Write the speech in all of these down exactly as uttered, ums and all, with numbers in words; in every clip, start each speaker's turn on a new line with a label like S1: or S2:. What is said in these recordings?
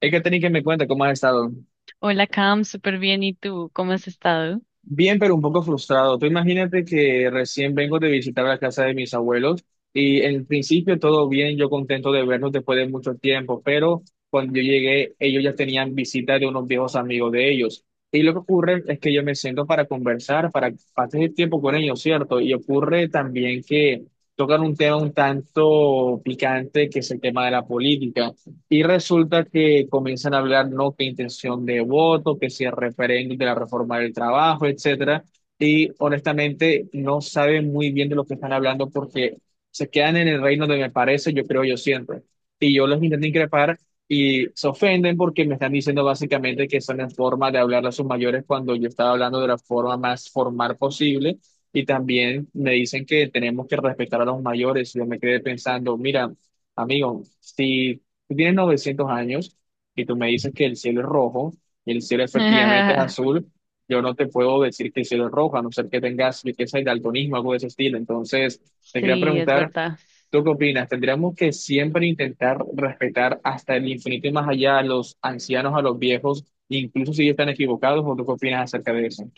S1: Es que tenéis que me cuenta cómo has estado.
S2: Hola Cam, súper bien. ¿Y tú? ¿Cómo has estado?
S1: Bien, pero un poco frustrado. Tú imagínate que recién vengo de visitar la casa de mis abuelos y en principio todo bien, yo contento de verlos después de mucho tiempo, pero cuando yo llegué, ellos ya tenían visita de unos viejos amigos de ellos. Y lo que ocurre es que yo me siento para conversar, para pasar el tiempo con ellos, ¿cierto? Y ocurre también que tocan un tema un tanto picante que es el tema de la política. Y resulta que comienzan a hablar, no, que intención de voto, que si el referéndum de la reforma del trabajo, etcétera. Y honestamente no saben muy bien de lo que están hablando porque se quedan en el reino de me parece, yo creo, yo siempre. Y yo los intento increpar y se ofenden porque me están diciendo básicamente que son en forma de hablar a sus mayores cuando yo estaba hablando de la forma más formal posible. Y también me dicen que tenemos que respetar a los mayores. Yo me quedé pensando, mira. Amigo, si tú tienes novecientos años y tú me dices que el cielo es rojo y el cielo efectivamente es azul. Yo no te puedo decir que el cielo es rojo, a no ser que tengas riqueza y daltonismo, algo de ese estilo. Entonces, te quería
S2: Sí, es
S1: preguntar,
S2: verdad.
S1: ¿tú qué opinas? ¿Tendríamos que siempre intentar respetar hasta el infinito y más allá a los ancianos, a los viejos, incluso si están equivocados? ¿O tú qué opinas acerca de eso?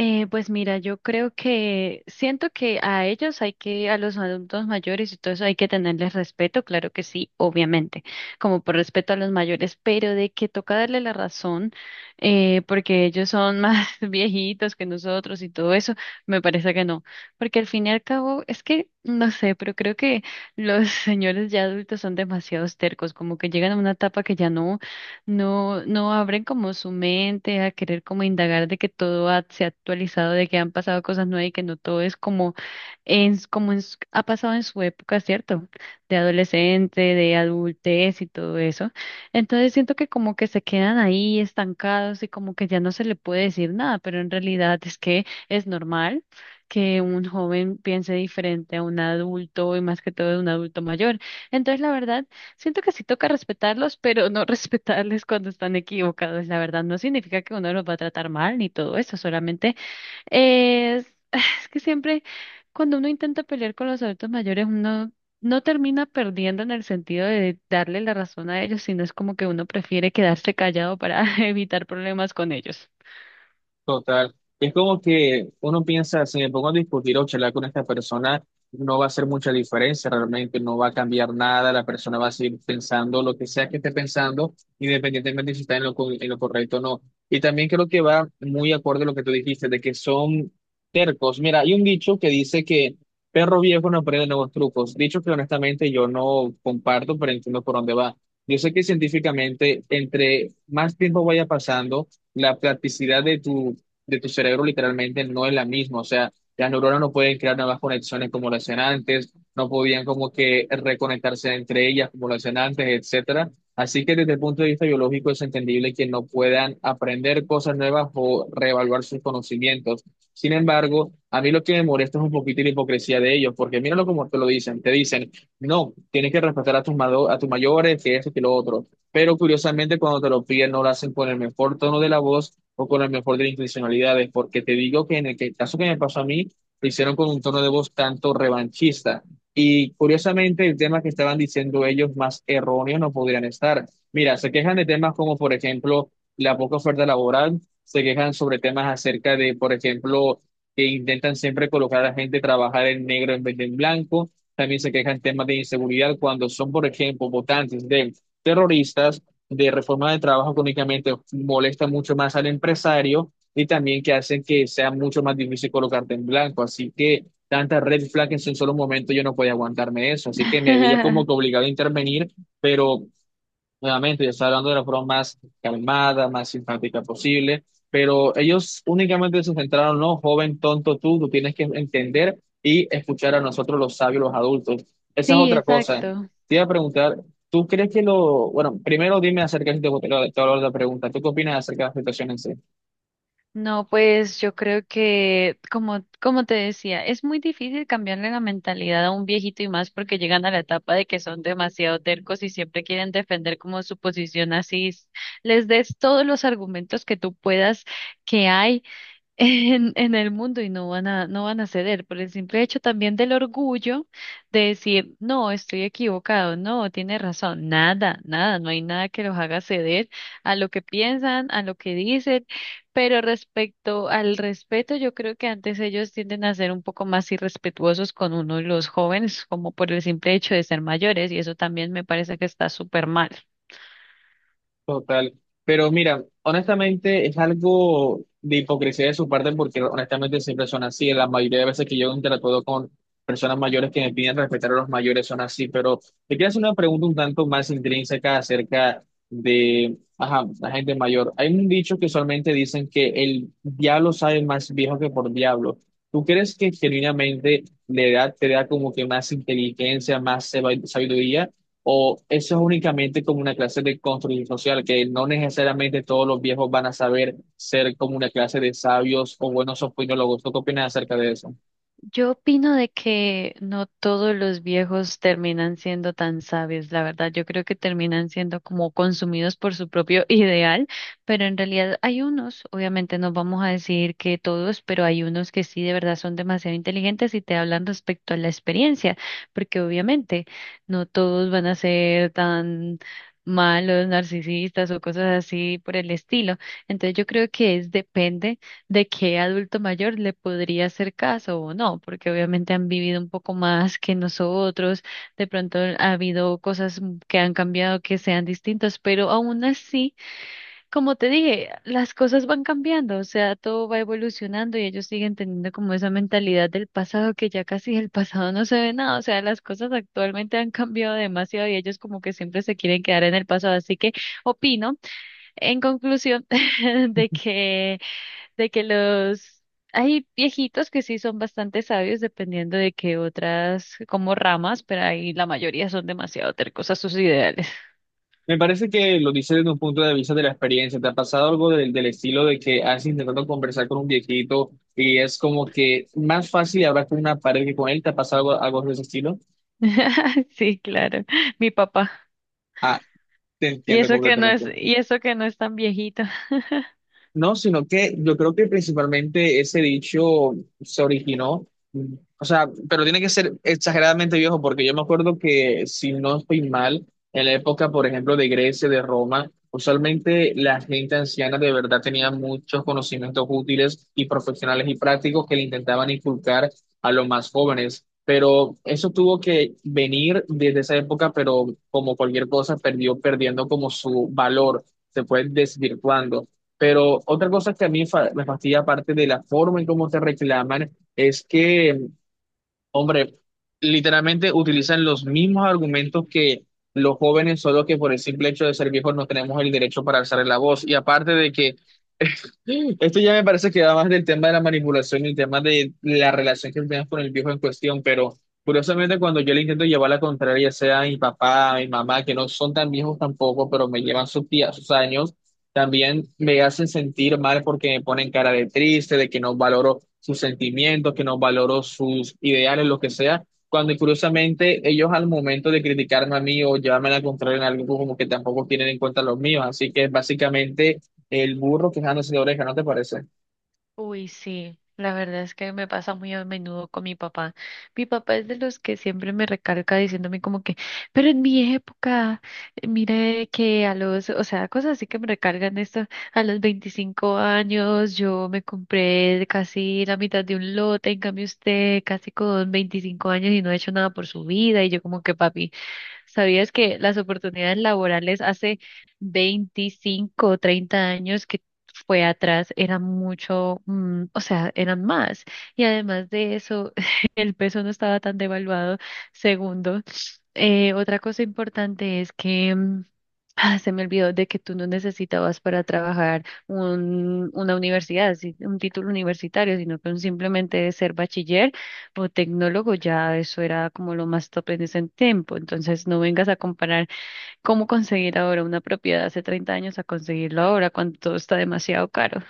S2: Eh, pues mira, yo creo que siento que a ellos hay que, a los adultos mayores y todo eso hay que tenerles respeto, claro que sí, obviamente, como por respeto a los mayores, pero de que toca darle la razón, eh, porque ellos son más viejitos que nosotros y todo eso, me parece que no, porque al fin y al cabo es que, no sé, pero creo que los señores ya adultos son demasiado tercos, como que llegan a una etapa que ya no. No, no abren como su mente a querer como indagar de que todo ha- se ha actualizado, de que han pasado cosas nuevas y que no todo es como en, s- como en s- ha pasado en su época, ¿cierto? De adolescente, de adultez y todo eso. Entonces siento que como que se quedan ahí estancados y como que ya no se le puede decir nada, pero en realidad es que es normal que un joven piense diferente a un adulto y más que todo de un adulto mayor. Entonces, la verdad, siento que sí toca respetarlos, pero no respetarles cuando están equivocados, la verdad. No significa que uno los va a tratar mal ni todo eso, solamente es, es que siempre cuando uno intenta pelear con los adultos mayores, uno no termina perdiendo en el sentido de darle la razón a ellos, sino es como que uno prefiere quedarse callado para evitar problemas con ellos.
S1: Total. Es como que uno piensa, si me pongo a discutir o charlar con esta persona, no va a hacer mucha diferencia realmente, no va a cambiar nada, la persona va a seguir pensando lo que sea que esté pensando, independientemente si está en lo, co- en lo correcto o no. Y también creo que va muy acorde a lo que tú dijiste, de que son tercos. Mira, hay un dicho que dice que perro viejo no aprende nuevos trucos. Dicho que honestamente yo no comparto, pero entiendo por dónde va. Yo sé que científicamente, entre más tiempo vaya pasando, la plasticidad de tu de tu cerebro literalmente no es la misma. O sea, las neuronas no pueden crear nuevas conexiones como lo hacían antes, no podían como que reconectarse entre ellas como lo hacían antes, etcétera. Así que desde el punto de vista biológico es entendible que no puedan aprender cosas nuevas o reevaluar sus conocimientos. Sin embargo, a mí lo que me molesta es un poquito la hipocresía de ellos, porque míralo como te lo dicen, te dicen, no, tienes que respetar a tus, mado- a tus mayores, que esto, que lo otro, pero curiosamente cuando te lo piden no lo hacen con el mejor tono de la voz o con el mejor de las intencionalidades, porque te digo que en el que- caso que me pasó a mí, lo hicieron con un tono de voz tanto revanchista. Y curiosamente el tema que estaban diciendo ellos más erróneo no podrían estar. Mira, se quejan de temas como, por ejemplo, la poca oferta laboral, se quejan sobre temas acerca de, por ejemplo, que intentan siempre colocar a la gente a trabajar en negro en vez de en blanco. También se quejan temas de inseguridad cuando son, por ejemplo, votantes de terroristas, de reforma de trabajo que únicamente molesta mucho más al empresario y también que hacen que sea mucho más difícil colocarte en blanco. Así que tantas red flags en un solo momento yo no podía aguantarme eso. Así que me veía como que obligado a intervenir, pero nuevamente, yo estaba hablando de la forma más calmada, más simpática posible, pero ellos únicamente se centraron, no, joven, tonto tú, tú tienes que entender y escuchar a nosotros los sabios, los adultos. Esa es
S2: Sí,
S1: otra cosa.
S2: exacto.
S1: Te iba a preguntar, ¿tú crees que lo, bueno, primero dime acerca de si te te voy a hablar de la pregunta, ¿tú qué opinas acerca de la situación en sí?
S2: No, pues yo creo que, como, como te decía, es muy difícil cambiarle la mentalidad a un viejito y más porque llegan a la etapa de que son demasiado tercos y siempre quieren defender como su posición así. s- Les des todos los argumentos que tú puedas que hay en, en el mundo y no van a, no van a ceder por el simple hecho también del orgullo de decir, no, estoy equivocado, no, tiene razón, nada, nada, no hay nada que los haga ceder a lo que piensan, a lo que dicen, pero respecto al respeto, yo creo que antes ellos tienden a ser un poco más irrespetuosos con uno, los jóvenes, como por el simple hecho de ser mayores, y eso también me parece que está súper mal.
S1: Total. Pero mira, honestamente es algo de hipocresía de su parte porque honestamente siempre son así. La mayoría de veces que yo interactúo con personas mayores que me piden respetar a los mayores son así. Pero te quiero hacer una pregunta un tanto más intrínseca acerca de ajá, la gente mayor. Hay un dicho que usualmente dicen que el diablo sabe más viejo que por diablo. ¿Tú crees que genuinamente la edad te da como que más inteligencia, más sabiduría? ¿O eso es únicamente como una clase de construcción social, que no necesariamente todos los viejos van a saber ser como una clase de sabios o buenos opinólogos? ¿Tú qué opinas acerca de eso?
S2: Yo opino de que no todos los viejos terminan siendo tan sabios, la verdad. Yo creo que terminan siendo como consumidos por su propio ideal, pero en realidad hay unos, obviamente no vamos a decir que todos, pero hay unos que sí de verdad son demasiado inteligentes y te hablan respecto a la experiencia, porque obviamente no todos van a ser tan malos, narcisistas o cosas así por el estilo. Entonces yo creo que es depende de qué adulto mayor le podría hacer caso o no, porque obviamente han vivido un poco más que nosotros, de pronto ha habido cosas m- que han cambiado que sean distintas, pero aún así, como te dije, las cosas van cambiando, o sea, todo va evolucionando y ellos siguen teniendo como esa mentalidad del pasado que ya casi el pasado no se ve nada, o sea, las cosas actualmente han cambiado demasiado y ellos como que siempre se quieren quedar en el pasado, así que opino en conclusión de que de que los hay viejitos que sí son bastante sabios dependiendo de que otras como ramas, pero ahí la mayoría son demasiado tercos a sus ideales.
S1: Me parece que lo dices desde un punto de vista de la experiencia. ¿Te ha pasado algo del, del estilo de que has intentado conversar con un viejito y es como que más fácil hablar con una pared que con él? ¿Te ha pasado algo, algo de ese estilo?
S2: Sí, claro, mi papá.
S1: Ah, te
S2: Y
S1: entiendo
S2: eso que no
S1: completamente.
S2: es, y eso que no es tan viejito.
S1: No, sino que yo creo que principalmente ese dicho se originó, mm, o sea, pero tiene que ser exageradamente viejo, porque yo me acuerdo que, si no estoy mal, en la época, por ejemplo, de Grecia, de Roma, usualmente la gente anciana de verdad tenía muchos conocimientos útiles y profesionales y prácticos que le intentaban inculcar a los más jóvenes. Pero eso tuvo que venir desde esa época, pero como cualquier cosa, perdió perdiendo como su valor, se fue desvirtuando. Pero otra cosa que a mí fa- me fastidia, aparte de la forma en cómo te reclaman, es que, hombre, literalmente utilizan los mismos argumentos que los jóvenes, solo que por el simple hecho de ser viejos no tenemos el derecho para alzar la voz. Y aparte de que esto ya me parece que va más del tema de la manipulación y el tema de la relación que tenemos con el viejo en cuestión, pero curiosamente cuando yo le intento llevar la contraria, sea a mi papá, a mi mamá, que no son tan viejos tampoco, pero me llevan sus días, sus años, también me hacen sentir mal porque me ponen cara de triste, de que no valoro sus sentimientos, que no valoro sus ideales, lo que sea. Cuando curiosamente ellos al momento de criticarme a mí o llevarme la contraria en algo como que tampoco tienen en cuenta los míos, así que básicamente el burro quejándose de oreja, ¿no te parece?
S2: Uy, sí, la verdad es que me pasa muy a menudo con mi papá. Mi papá es de los que siempre me recarga diciéndome como que, pero en mi época, eh, mire que a los, o sea, cosas así que me recargan esto, a los veinticinco años yo me compré casi la mitad de un lote, en cambio usted casi con veinticinco años y no ha hecho nada por su vida y yo como que papi. ¿Sabías que las oportunidades laborales hace veinticinco o treinta años que fue atrás eran mucho, mm, o sea, eran más? Y además de eso, el peso no estaba tan devaluado. Segundo, eh, otra cosa importante es que mm, ah, se me olvidó de que tú no necesitabas para trabajar un, una universidad, si- un título universitario, sino que un simplemente ser bachiller o tecnólogo, ya eso era como lo más top en ese tiempo. Entonces, no vengas a comparar cómo conseguir ahora una propiedad hace treinta años a conseguirlo ahora cuando todo está demasiado caro.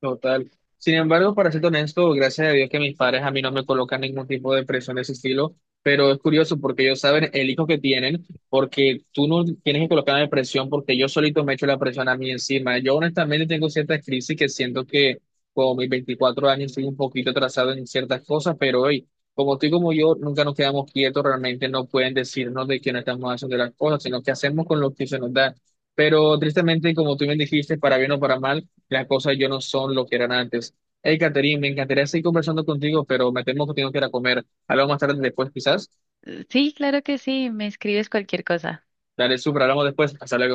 S1: Total. Sin embargo, para ser honesto, gracias a Dios que mis padres a mí no me colocan ningún tipo de presión de ese estilo, pero es curioso porque ellos saben el hijo que tienen, porque tú no tienes que colocarme presión porque yo solito me echo la presión a mí encima. Yo honestamente tengo ciertas crisis que siento que con mis veinticuatro años estoy un poquito atrasado en ciertas cosas, pero hoy, como tú y como yo, nunca nos quedamos quietos, realmente no pueden decirnos de que no estamos haciendo las cosas, sino que hacemos con lo que se nos da. Pero tristemente, como tú bien dijiste, para bien o para mal, las cosas yo no son lo que eran antes. Hey, Catherine, me encantaría seguir conversando contigo, pero me temo que tengo que ir a comer. Hablamos más tarde después, quizás.
S2: Sí, claro que sí, me escribes cualquier cosa.
S1: Dale, súper, hablamos después. Hasta luego.